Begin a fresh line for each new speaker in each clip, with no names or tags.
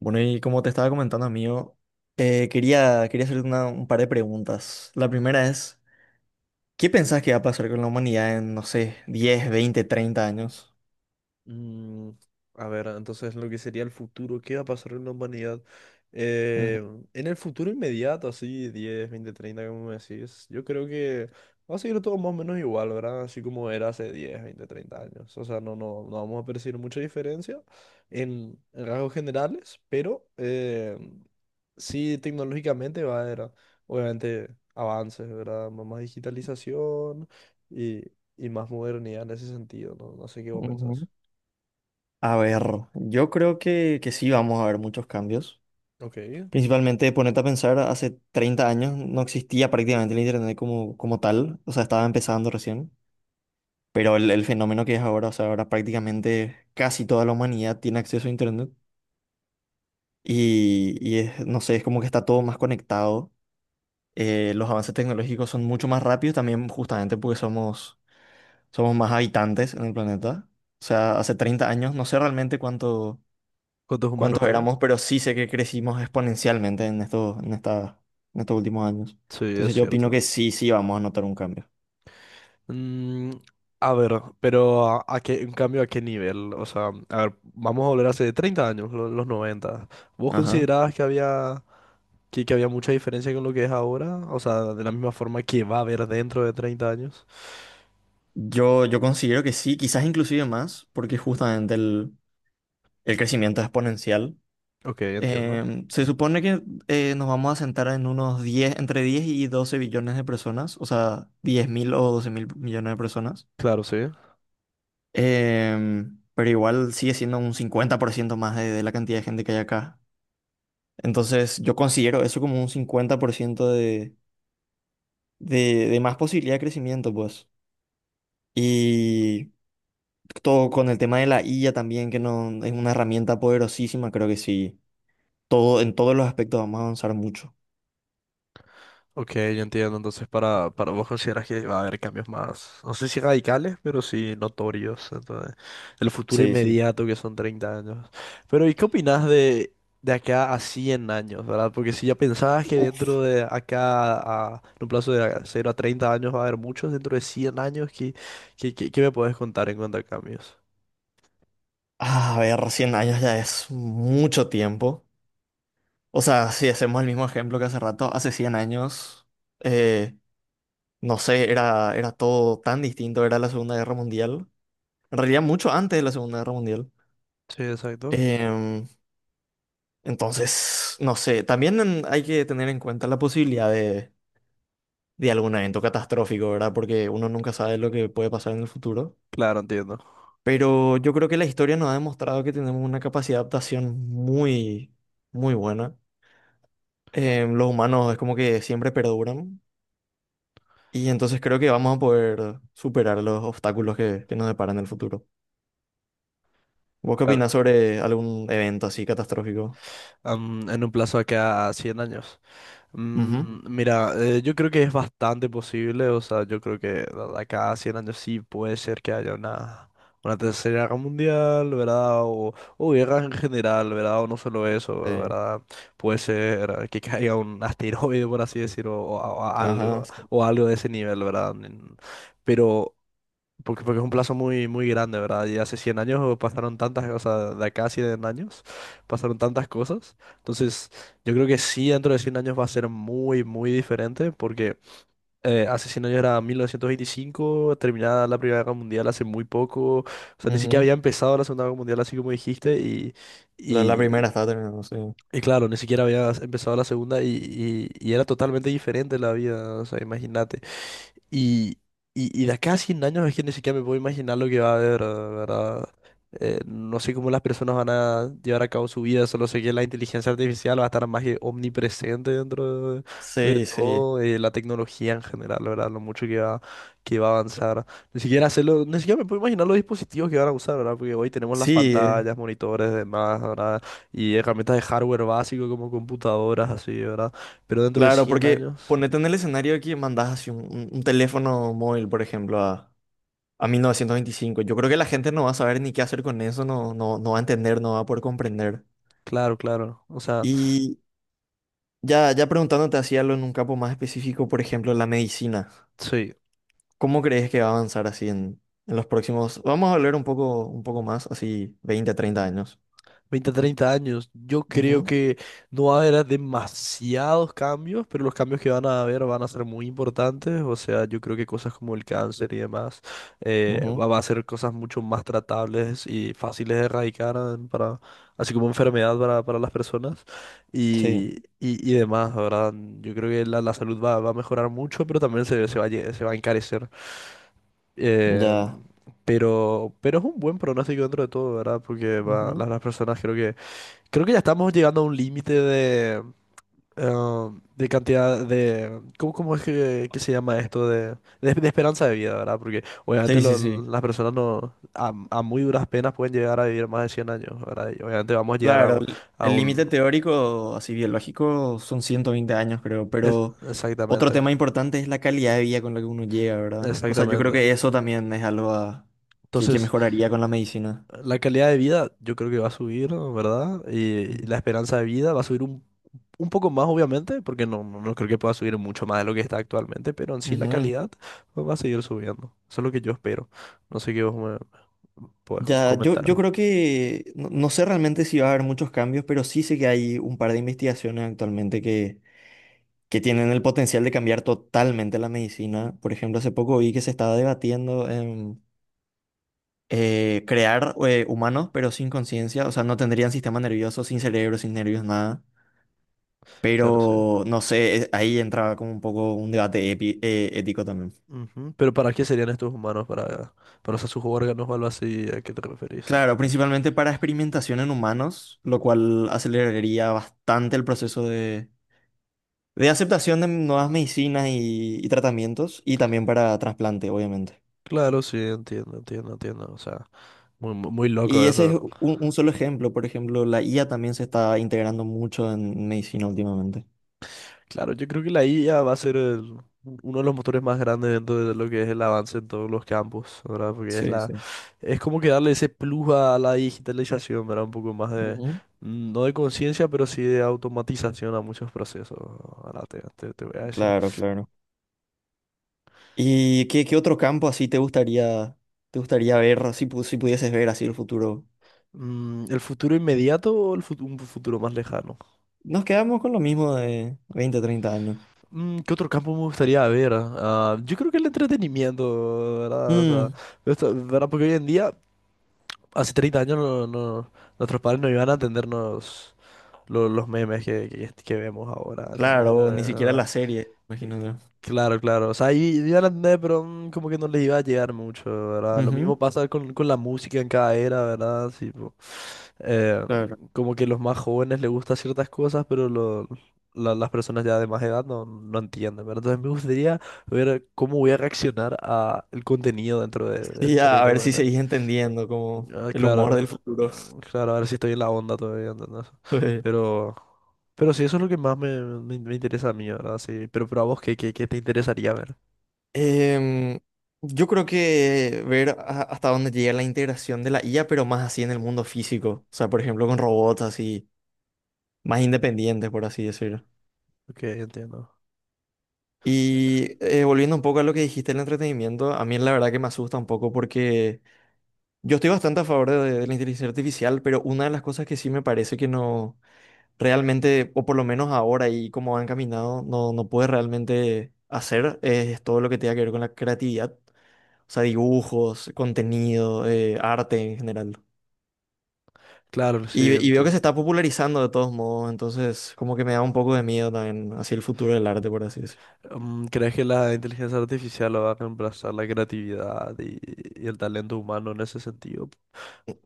Bueno, y como te estaba comentando, amigo, quería hacerte un par de preguntas. La primera es, ¿qué pensás que va a pasar con la humanidad en, no sé, 10, 20, 30 años?
Mm, a ver, entonces lo que sería el futuro, ¿qué va a pasar en la humanidad?
Ujú,
Eh, en el futuro inmediato, así 10 20 30 como me decís, yo creo que va a seguir todo más o menos igual, ¿verdad? Así como era hace 10 20 30 años. O sea, no, no, no vamos a percibir mucha diferencia en rasgos generales, pero sí tecnológicamente va a haber, obviamente, avances, ¿verdad? Más digitalización y, y más modernidad en ese sentido, ¿no? No sé qué vos pensás.
ujú. A ver, yo creo que sí vamos a ver muchos cambios.
Ok.
Principalmente, ponete a pensar, hace 30 años no existía prácticamente el Internet como tal, o sea, estaba empezando recién, pero el fenómeno que es ahora, o sea, ahora prácticamente casi toda la humanidad tiene acceso a Internet. Y no sé, es como que está todo más conectado. Los avances tecnológicos son mucho más rápidos también justamente porque somos más habitantes en el planeta. O sea, hace 30 años, no sé realmente
¿Cuántos humanos
cuántos
había?
éramos, pero sí sé que crecimos exponencialmente en estos últimos años.
Sí, es
Entonces yo opino
cierto.
que sí, sí vamos a notar un cambio.
Mm, a ver, pero a qué, en cambio, ¿a qué nivel? O sea, a ver, vamos a volver hace 30 años, los 90. ¿Vos
Ajá.
considerabas que que había mucha diferencia con lo que es ahora? O sea, de la misma forma que va a haber dentro de 30 años.
Yo considero que sí, quizás inclusive más, porque justamente el crecimiento es exponencial.
Ok, entiendo.
Se supone que nos vamos a sentar en unos 10 entre 10 y 12 billones de personas, o sea, 10 mil o 12 mil millones de personas.
Claro, sí.
Pero igual sigue siendo un 50% más de la cantidad de gente que hay acá. Entonces, yo considero eso como un 50% de más posibilidad de crecimiento, pues. Y todo con el tema de la IA también, que no, es una herramienta poderosísima, creo que sí. Todo, en todos los aspectos vamos a avanzar mucho.
Ok, yo entiendo. Entonces, para vos consideras que va a haber cambios más, no sé si radicales, pero sí notorios. Entonces, el futuro
Sí, sí.
inmediato que son 30 años. Pero, ¿y qué opinás de acá a 100 años, verdad? Porque si ya pensabas que dentro de acá, a, en un plazo de cero a 30 años, va a haber muchos, dentro de 100 años, ¿ qué me podés contar en cuanto a cambios?
A ver, 100 años ya es mucho tiempo. O sea, si hacemos el mismo ejemplo que hace rato, hace 100 años, eh, no sé, era todo tan distinto, era la Segunda Guerra Mundial. En realidad, mucho antes de la Segunda Guerra Mundial.
Sí, exacto.
Em, entonces, no sé, también hay que tener en cuenta la posibilidad de algún evento catastrófico, ¿verdad? Porque uno nunca sabe lo que puede pasar en el futuro.
Claro, entiendo.
Pero yo creo que la historia nos ha demostrado que tenemos una capacidad de adaptación muy, muy buena. Los humanos es como que siempre perduran y entonces creo que vamos a poder superar los obstáculos que nos deparan en el futuro. ¿Vos qué opinás
Claro.
sobre algún evento así catastrófico?
Am, en un plazo de que a 100 años.
Ujú.
Mira, yo creo que es bastante posible, o sea, yo creo que de acá a 100 años sí puede ser que haya una tercera guerra mundial, ¿verdad? O guerras en general, ¿verdad? O no solo eso,
Sí.
¿verdad? Puede ser que caiga un asteroide, por así decirlo, o, o
Ajá.
algo,
Sí.
o algo de ese nivel, ¿verdad? Pero porque es un plazo muy, muy grande, ¿verdad? Y hace 100 años pasaron tantas cosas, de acá a 100 años pasaron tantas cosas. Entonces, yo creo que sí, dentro de 100 años va a ser muy, muy diferente, porque hace 100 años era 1925, terminada la Primera Guerra Mundial hace muy poco, o sea, ni siquiera
Ujú.
había empezado la Segunda Guerra Mundial, así como dijiste,
La
y,
primera está terminando, sí.
y claro, ni siquiera había empezado la Segunda y era totalmente diferente la vida, o sea, imagínate. Y, y de acá a 100 años es que ni siquiera me puedo imaginar lo que va a haber, ¿verdad? No sé cómo las personas van a llevar a cabo su vida, solo sé que la inteligencia artificial va a estar más que omnipresente de
Sí, sí.
todo, la tecnología en general, ¿verdad? Lo mucho que va a avanzar. Ni siquiera me puedo imaginar los dispositivos que van a usar, ¿verdad? Porque hoy tenemos las
Sí,
pantallas, monitores, demás, ¿verdad? Y herramientas de hardware básico como computadoras, así, ¿verdad? Pero dentro de
claro,
100
porque
años,
ponete en el escenario de que mandás así un teléfono móvil, por ejemplo, a 1925. Yo creo que la gente no va a saber ni qué hacer con eso, no, no, no va a entender, no va a poder comprender.
claro, claro. O sea...
y Ya, ya preguntándote así algo en un campo más específico, por ejemplo, la medicina.
Sí,
¿Cómo crees que va a avanzar así en los próximos? Vamos a hablar un poco más, así 20, 30 años.
veinte treinta años. Yo creo
Ujú,
que no va a haber demasiados cambios, pero los cambios que van a haber van a ser muy importantes. O sea, yo creo que cosas como el cáncer y demás
ujú.
va a ser cosas mucho más tratables y fáciles de erradicar, así como enfermedad para las personas
Sí,
y, y demás, ¿verdad? Yo creo que la salud va a mejorar mucho, pero también se va a encarecer. Eh,
ya.
pero es un buen pronóstico dentro de todo, ¿verdad? Porque
Ujú.
las personas creo que ya estamos llegando a un límite eh, de cantidad de ¿cómo, cómo es que se llama esto? De, de esperanza de vida, ¿verdad? Porque obviamente
Sí, sí, sí.
las personas no a, a muy duras penas pueden llegar a vivir más de 100 años, ¿verdad? Y obviamente vamos a llegar a,
Claro, el
a
el límite
un
teórico, así biológico, son 120 años, creo,
es-
pero otro
exactamente,
tema importante es la calidad de vida con la que uno llega, ¿verdad? O sea, yo creo
exactamente.
que eso también es algo que
Entonces,
mejoraría con la medicina.
la calidad de vida yo creo que va a subir, ¿verdad? Y la esperanza de vida va a subir un poco más, obviamente, porque no, no creo que pueda subir mucho más de lo que está actualmente, pero en sí la
Ujú.
calidad pues, va a seguir subiendo. Eso es lo que yo espero. No sé qué vos me podés
Ya, yo
comentar.
creo que no, no sé realmente si va a haber muchos cambios, pero sí sé que hay un par de investigaciones actualmente que tienen el potencial de cambiar totalmente la medicina. Por ejemplo, hace poco vi que se estaba debatiendo en crear humanos, pero sin conciencia, o sea, no tendrían sistema nervioso, sin cerebro, sin nervios, nada.
Claro, sí.
Pero no sé, ahí entraba como un poco un debate ético también.
Ujú. Pero ¿para qué serían estos humanos? Para usar sus órganos o algo así? ¿A qué te referís?
Claro, principalmente para experimentación en humanos, lo cual aceleraría bastante el proceso de aceptación de nuevas medicinas y tratamientos y también para trasplante, obviamente.
Claro, sí, entiendo, entiendo, entiendo. O sea, muy, muy muy loco
Y ese es
eso, ¿no?
un solo ejemplo. Por ejemplo, la IA también se está integrando mucho en medicina últimamente.
Claro, yo creo que la IA va a ser uno de los motores más grandes dentro de lo que es el avance en todos los campos, ¿verdad? Porque es
Sí, sí.
es como que darle ese plus a la digitalización, ¿verdad? Un poco más de,
Ujú.
no de conciencia, pero sí de automatización a muchos procesos, ahora te voy a decir.
Claro, claro. ¿Y qué otro campo así te gustaría ver, si pudieses ver así el futuro?
¿El futuro inmediato o el un futuro más lejano?
Nos quedamos con lo mismo de 20, 30 años.
¿Qué otro campo me gustaría ver? Ah, yo creo que el entretenimiento, ¿verdad? O sea,
Mm,
¿verdad? Porque hoy en día hace 30 años nuestros padres no iban a entendernos los memes que vemos ahora, ¿entendés?
claro, ni siquiera la serie, imagino yo.
Claro, claro. O sea, iban a entender, pero como que no les iba a llegar mucho, ¿verdad? Lo
Ujú,
mismo pasa con la música en cada era, ¿verdad? Sí, po. Eh,
claro.
Como que los más jóvenes les gustan ciertas cosas, pero las personas ya de más edad no, no entienden, ¿verdad? Entonces me gustaría ver cómo voy a reaccionar a el contenido de
Sí, a
30,
ver si
40.
seguís entendiendo como
Ah,
el humor
claro,
del futuro.
ah, claro, ahora sí estoy en la onda todavía, ¿entendés? Pero, pero sí, eso es lo que más me interesa a mí, ¿verdad? Sí, pero a vos, ¿ qué te interesaría ver?
Em, yo creo que ver hasta dónde llega la integración de la IA, pero más así en el mundo físico. O sea, por ejemplo, con robots así, más independientes, por así decirlo.
Ok, entiendo.
Y volviendo un poco a lo que dijiste del entretenimiento, a mí la verdad que me asusta un poco porque yo estoy bastante a favor de la inteligencia artificial, pero una de las cosas que sí me parece que no realmente, o por lo menos ahora y como han caminado, no puede realmente hacer es todo lo que tenga que ver con la creatividad. O sea, dibujos, contenido, arte en general.
Claro, sí,
Y veo que se
entiendo.
está popularizando de todos modos, entonces como que me da un poco de miedo también hacia el futuro del arte, por así decirlo.
¿Crees que la inteligencia artificial va a reemplazar la creatividad y el talento humano en ese sentido?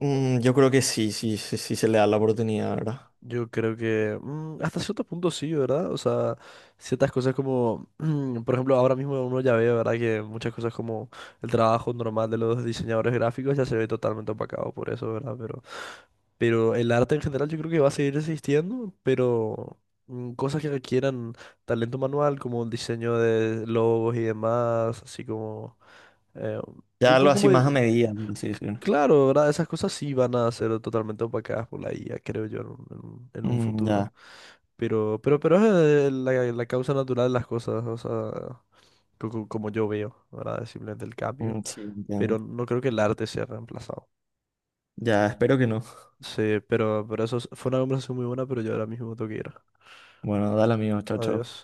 Mm, yo creo que sí, sí, sí, sí se le da la oportunidad, ¿verdad?
Yo creo que hasta cierto punto sí, ¿verdad? O sea, ciertas cosas como, por ejemplo, ahora mismo uno ya ve, ¿verdad? Que muchas cosas como el trabajo normal de los diseñadores gráficos ya se ve totalmente opacado por eso, ¿verdad? Pero el arte en general yo creo que va a seguir existiendo, pero cosas que requieran talento manual, como el diseño de logos y demás, así como... eh,
Ya
el
algo
co-
así
como
más a
c-
medida, por así decirlo.
claro, ¿verdad? Esas cosas sí van a ser totalmente opacadas por la IA, creo yo, en un, en un
Mm,
futuro.
ya.
Pero es la causa natural de las cosas, o sea, como yo veo, ¿verdad? Es simplemente el
Mm,
cambio.
sí, entiendo.
Pero no creo que el arte sea reemplazado.
Ya, espero que no.
Sí, pero eso fue una conversación muy buena, pero yo ahora mismo tengo que ir.
Bueno, dale amigo, chao, chao.
Adiós.